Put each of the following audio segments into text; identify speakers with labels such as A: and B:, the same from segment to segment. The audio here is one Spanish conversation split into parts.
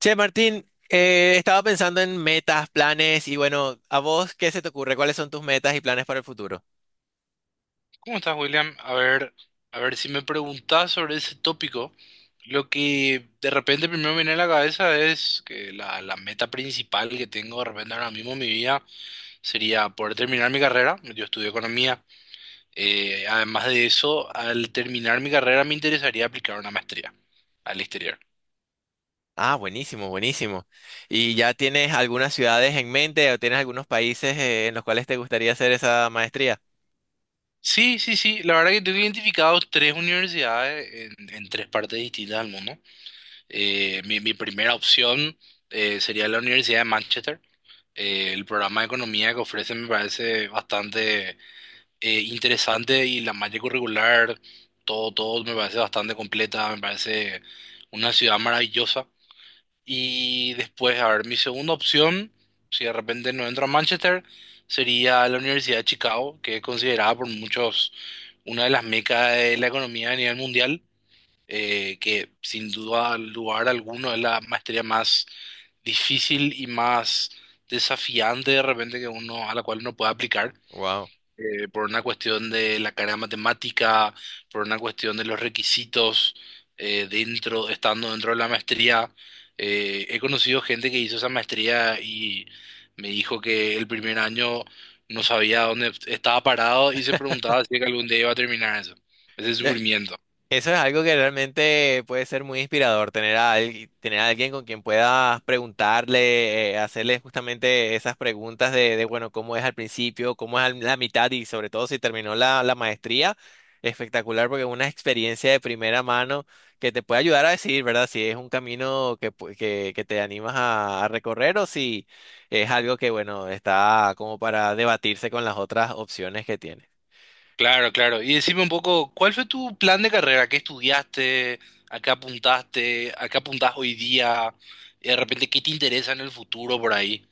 A: Che, Martín, estaba pensando en metas, planes y bueno, ¿a vos qué se te ocurre? ¿Cuáles son tus metas y planes para el futuro?
B: ¿Cómo estás, William? A ver, si me preguntás sobre ese tópico, lo que de repente primero viene a la cabeza es que la meta principal que tengo de repente ahora mismo en mi vida sería poder terminar mi carrera. Yo estudio economía. Además de eso, al terminar mi carrera me interesaría aplicar una maestría al exterior.
A: Ah, buenísimo, buenísimo. ¿Y ya tienes algunas ciudades en mente o tienes algunos países en los cuales te gustaría hacer esa maestría?
B: Sí, sí, sí. La verdad que tengo identificados tres universidades en tres partes distintas del mundo. Mi primera opción sería la Universidad de Manchester. El programa de economía que ofrece me parece bastante interesante y la malla curricular, todo me parece bastante completa, me parece una ciudad maravillosa. Y después, a ver, mi segunda opción, si de repente no entro a Manchester, sería la Universidad de Chicago, que es considerada por muchos una de las mecas de la economía a nivel mundial, que sin duda lugar alguno es la maestría más difícil y más desafiante de repente que uno a la cual uno puede aplicar,
A: Wow.
B: por una cuestión de la carga matemática, por una cuestión de los requisitos estando dentro de la maestría. He conocido gente que hizo esa maestría y me dijo que el primer año no sabía dónde estaba parado y se preguntaba si es que algún día iba a terminar eso, ese sufrimiento.
A: Eso es algo que realmente puede ser muy inspirador, tener tener a alguien con quien puedas preguntarle, hacerle justamente esas preguntas bueno, cómo es al principio, cómo es a la mitad y sobre todo si terminó la maestría. Espectacular porque es una experiencia de primera mano que te puede ayudar a decidir, ¿verdad? Si es un camino que te animas a recorrer o si es algo que, bueno, está como para debatirse con las otras opciones que tienes.
B: Claro, claro. Y decime un poco, ¿cuál fue tu plan de carrera? ¿Qué estudiaste? ¿A qué apuntaste? ¿A qué apuntás hoy día? Y de repente, ¿qué te interesa en el futuro por ahí?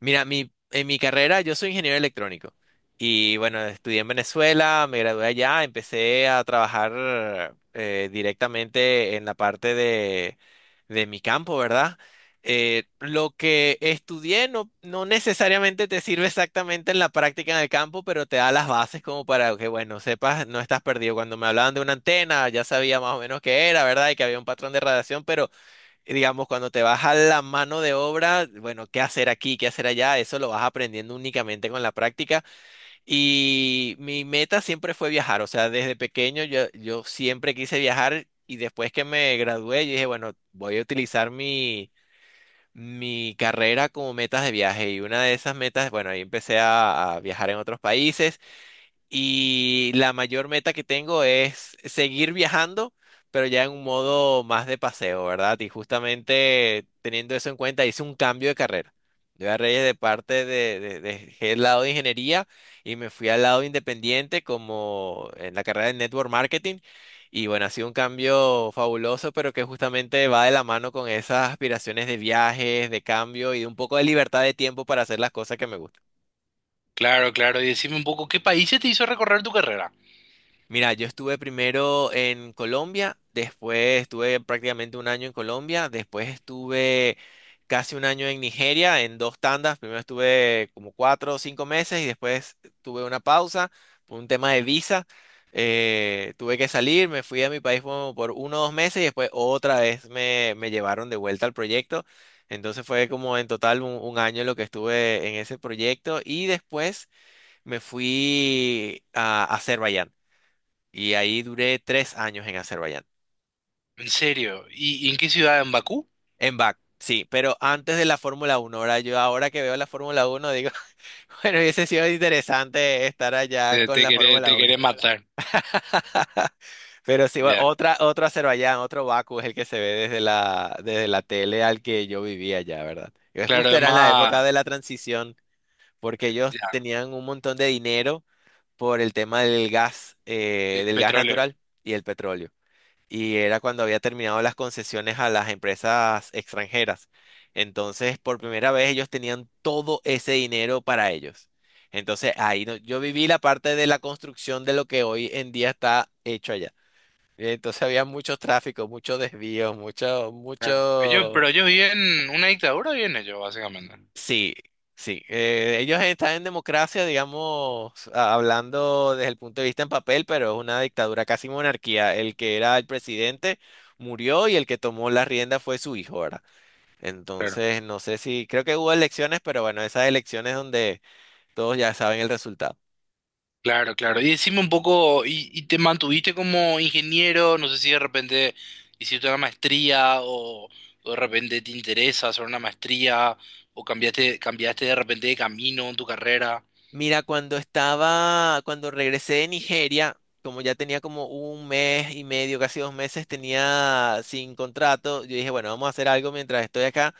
A: Mira, en mi carrera yo soy ingeniero electrónico y bueno, estudié en Venezuela, me gradué allá, empecé a trabajar directamente en la parte de mi campo, ¿verdad? Lo que estudié no necesariamente te sirve exactamente en la práctica en el campo, pero te da las bases como para que, bueno, sepas, no estás perdido. Cuando me hablaban de una antena, ya sabía más o menos qué era, ¿verdad? Y que había un patrón de radiación, pero digamos, cuando te vas a la mano de obra, bueno, qué hacer aquí, qué hacer allá, eso lo vas aprendiendo únicamente con la práctica. Y mi meta siempre fue viajar, o sea, desde pequeño yo siempre quise viajar y después que me gradué, yo dije, bueno, voy a utilizar mi carrera como metas de viaje. Y una de esas metas, bueno, ahí empecé a viajar en otros países y la mayor meta que tengo es seguir viajando, pero ya en un modo más de paseo, ¿verdad? Y justamente teniendo eso en cuenta, hice un cambio de carrera. Yo agarré de parte dejé el lado de ingeniería y me fui al lado independiente como en la carrera de network marketing. Y bueno, ha sido un cambio fabuloso, pero que justamente va de la mano con esas aspiraciones de viajes, de cambio y de un poco de libertad de tiempo para hacer las cosas que me gustan.
B: Claro, claro. Y decime un poco, ¿qué países te hizo recorrer tu carrera?
A: Mira, yo estuve primero en Colombia, después estuve prácticamente un año en Colombia, después estuve casi un año en Nigeria en dos tandas. Primero estuve como 4 o 5 meses y después tuve una pausa por un tema de visa. Tuve que salir, me fui a mi país como por 1 o 2 meses y después otra vez me llevaron de vuelta al proyecto. Entonces fue como en total un año lo que estuve en ese proyecto y después me fui a Azerbaiyán. Y ahí duré 3 años en Azerbaiyán.
B: ¿En serio? Y en qué ciudad? ¿En Bakú?
A: En BAC, sí, pero antes de la Fórmula Uno. Ahora yo, ahora que veo la Fórmula Uno, digo, bueno, hubiese sido interesante estar allá con la
B: Te
A: Fórmula Uno.
B: queré matar.
A: Pero sí, bueno,
B: Ya.
A: otro Azerbaiyán, otro Bakú es el que se ve desde la tele al que yo vivía allá, ¿verdad? Y
B: Claro,
A: justo era en la época
B: además
A: de la transición, porque ellos
B: ya,
A: tenían un montón de dinero por el tema
B: el
A: del gas
B: petróleo.
A: natural y el petróleo. Y era cuando había terminado las concesiones a las empresas extranjeras. Entonces, por primera vez ellos tenían todo ese dinero para ellos. Entonces, ahí no- yo viví la parte de la construcción de lo que hoy en día está hecho allá. Entonces había mucho tráfico, mucho desvío, mucho,
B: Claro. Ellos,
A: mucho.
B: pero ellos viven una dictadura, viven ellos, básicamente.
A: Sí, sí. Ellos están en democracia, digamos, hablando desde el punto de vista en papel, pero es una dictadura, casi monarquía. El que era el presidente murió y el que tomó la rienda fue su hijo, ¿verdad? Entonces, no sé si, creo que hubo elecciones, pero bueno, esas elecciones donde todos ya saben el resultado.
B: Claro, claro. Y decime un poco, y te mantuviste como ingeniero? No sé si de repente hiciste una maestría o de repente te interesa hacer una maestría o cambiaste de repente de camino en tu carrera.
A: Mira, cuando estaba, cuando regresé de Nigeria, como ya tenía como un mes y medio, casi 2 meses, tenía sin contrato, yo dije, bueno, vamos a hacer algo mientras estoy acá.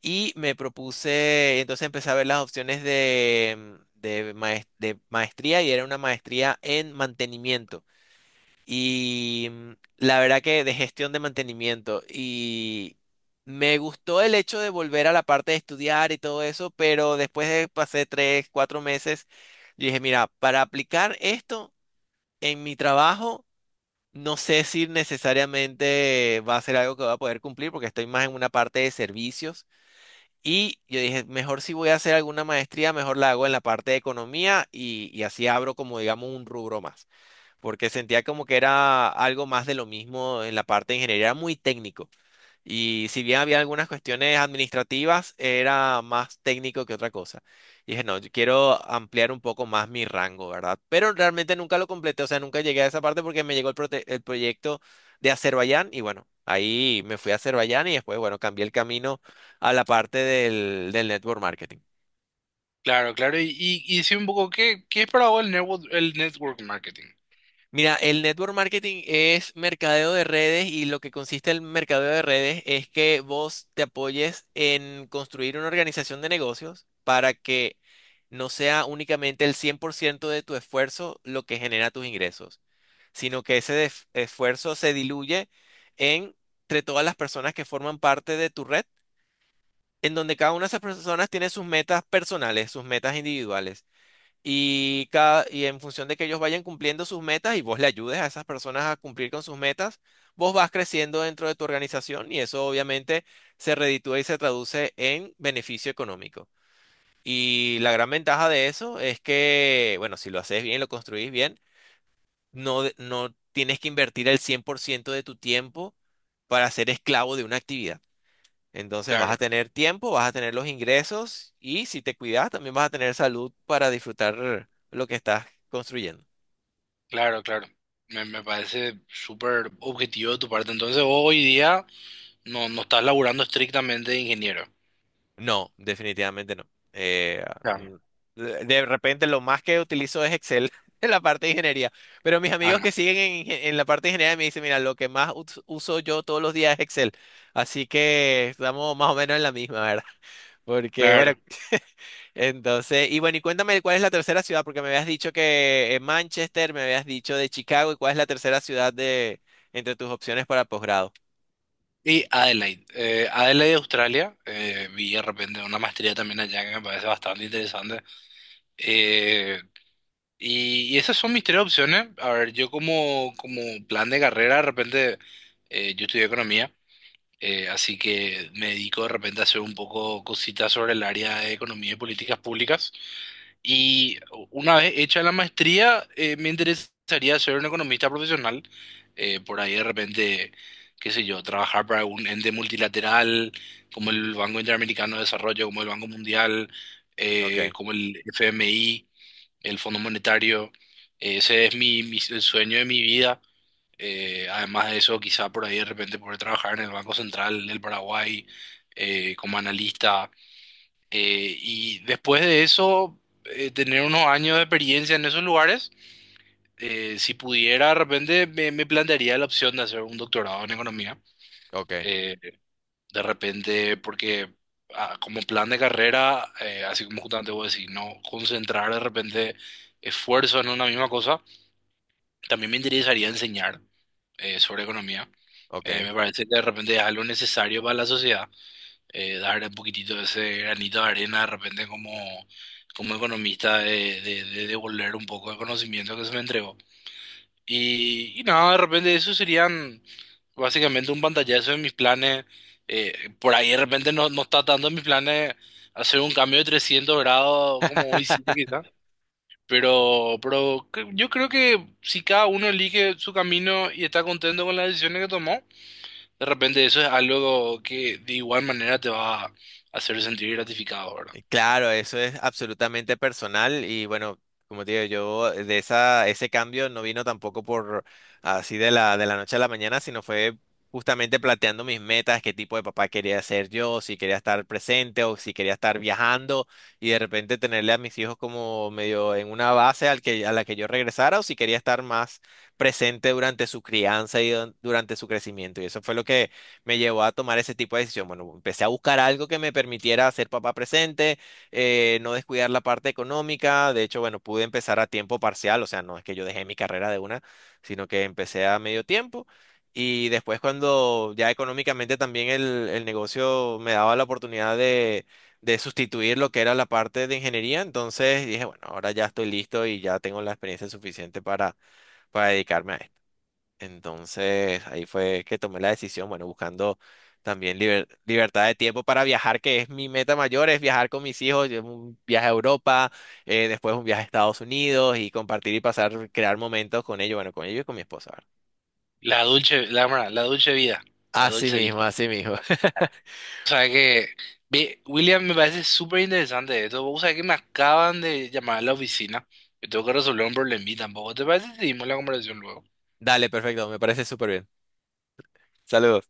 A: Y me propuse, entonces empecé a ver las opciones de maestría y era una maestría en mantenimiento. Y mm, la verdad que de gestión de mantenimiento. Y me gustó el hecho de volver a la parte de estudiar y todo eso, pero después de pasé tres, cuatro meses, yo dije, mira, para aplicar esto en mi trabajo, no sé si necesariamente va a ser algo que voy a poder cumplir porque estoy más en una parte de servicios. Y yo dije, mejor si voy a hacer alguna maestría, mejor la hago en la parte de economía y así abro como, digamos, un rubro más, porque sentía como que era algo más de lo mismo en la parte de ingeniería, era muy técnico. Y si bien había algunas cuestiones administrativas, era más técnico que otra cosa. Y dije, no, yo quiero ampliar un poco más mi rango, ¿verdad? Pero realmente nunca lo completé, o sea, nunca llegué a esa parte porque me llegó el proyecto de Azerbaiyán y bueno, ahí me fui a Azerbaiyán y después, bueno, cambié el camino a la parte del network marketing.
B: Claro, claro. Y, y decime un poco, ¿qué, qué es para vos el el network marketing?
A: Mira, el network marketing es mercadeo de redes y lo que consiste el mercadeo de redes es que vos te apoyes en construir una organización de negocios para que no sea únicamente el 100% de tu esfuerzo lo que genera tus ingresos, sino que ese esfuerzo se diluye en- entre todas las personas que forman parte de tu red, en donde cada una de esas personas tiene sus metas personales, sus metas individuales y, cada, y en función de que ellos vayan cumpliendo sus metas y vos le ayudes a esas personas a cumplir con sus metas, vos vas creciendo dentro de tu organización y eso obviamente se reditúa y se traduce en beneficio económico. Y la gran ventaja de eso es que, bueno, si lo haces bien, lo construís bien, no tienes que invertir el 100% de tu tiempo para ser esclavo de una actividad. Entonces vas
B: Claro,
A: a tener tiempo, vas a tener los ingresos y si te cuidas también vas a tener salud para disfrutar lo que estás construyendo.
B: claro, claro. Me parece súper objetivo de tu parte. Entonces, vos hoy día no estás laburando estrictamente de ingeniero.
A: No, definitivamente no. Eh,
B: Claro.
A: mm, de repente lo más que utilizo es Excel en la parte de ingeniería, pero mis
B: Ah,
A: amigos
B: no.
A: que siguen en la parte de ingeniería me dicen, mira, lo que más uso yo todos los días es Excel. Así que estamos más o menos en la misma, ¿verdad? Porque, bueno,
B: Claro.
A: entonces, y bueno, y cuéntame cuál es la tercera ciudad, porque me habías dicho que Manchester, me habías dicho de Chicago, y cuál es la tercera ciudad de entre tus opciones para posgrado.
B: Y Adelaide, Adelaide, Australia, vi de repente una maestría también allá que me parece bastante interesante. Eh, y esas son mis tres opciones. A ver, yo como, como plan de carrera, de repente, yo estudié economía, así que me dedico de repente a hacer un poco cositas sobre el área de economía y políticas públicas. Y una vez hecha la maestría, me interesaría ser un economista profesional. Por ahí de repente, qué sé yo, trabajar para un ente multilateral como el Banco Interamericano de Desarrollo, como el Banco Mundial,
A: Ok,
B: como el FMI, el Fondo Monetario. Ese es el sueño de mi vida. Además de eso, quizá por ahí de repente poder trabajar en el Banco Central del Paraguay como analista y después de eso, tener unos años de experiencia en esos lugares, si pudiera, de repente me plantearía la opción de hacer un doctorado en economía.
A: ok,
B: Eh, de repente, porque ah, como plan de carrera, así como justamente vos decís, no concentrar de repente esfuerzo en una misma cosa, también me interesaría enseñar sobre economía.
A: ok.
B: Me parece que de repente es algo necesario para la sociedad, darle un poquitito de ese granito de arena de repente como, como economista de devolver un poco de conocimiento que se me entregó. Y nada, de repente eso serían básicamente un pantallazo de mis planes. Por ahí de repente no, no está tanto en mis planes hacer un cambio de 300 grados como hoy sí quizás. Pero, yo creo que si cada uno elige su camino y está contento con las decisiones que tomó, de repente eso es algo que de igual manera te va a hacer sentir gratificado, ¿verdad?
A: Claro, eso es absolutamente personal y bueno, como te digo, yo de esa, ese cambio no vino tampoco por así de la noche a la mañana, sino fue justamente planteando mis metas, qué tipo de papá quería ser yo, si quería estar presente o si quería estar viajando y de repente tenerle a mis hijos como medio en una base al que, a la que yo regresara o si quería estar más presente durante su crianza y durante su crecimiento. Y eso fue lo que me llevó a tomar ese tipo de decisión. Bueno, empecé a buscar algo que me permitiera ser papá presente, no descuidar la parte económica. De hecho, bueno, pude empezar a tiempo parcial, o sea, no es que yo dejé mi carrera de una, sino que empecé a medio tiempo. Y después cuando ya económicamente también el negocio me daba la oportunidad de sustituir lo que era la parte de ingeniería, entonces dije, bueno, ahora ya estoy listo y ya tengo la experiencia suficiente para dedicarme a esto. Entonces ahí fue que tomé la decisión, bueno, buscando también libertad de tiempo para viajar, que es mi meta mayor, es viajar con mis hijos, un viaje a Europa, después un viaje a Estados Unidos y compartir y pasar, crear momentos con ellos, bueno, con ellos y con mi esposa. ¿Verdad?
B: La dulce vida, la
A: Así
B: dulce
A: mismo,
B: vida.
A: así mismo.
B: O sea que, ve, William, me parece súper interesante esto. O sea que me acaban de llamar a la oficina. Yo tengo que resolver un problemita tampoco. ¿Te parece si seguimos la conversación luego?
A: Dale, perfecto, me parece súper bien. Saludos.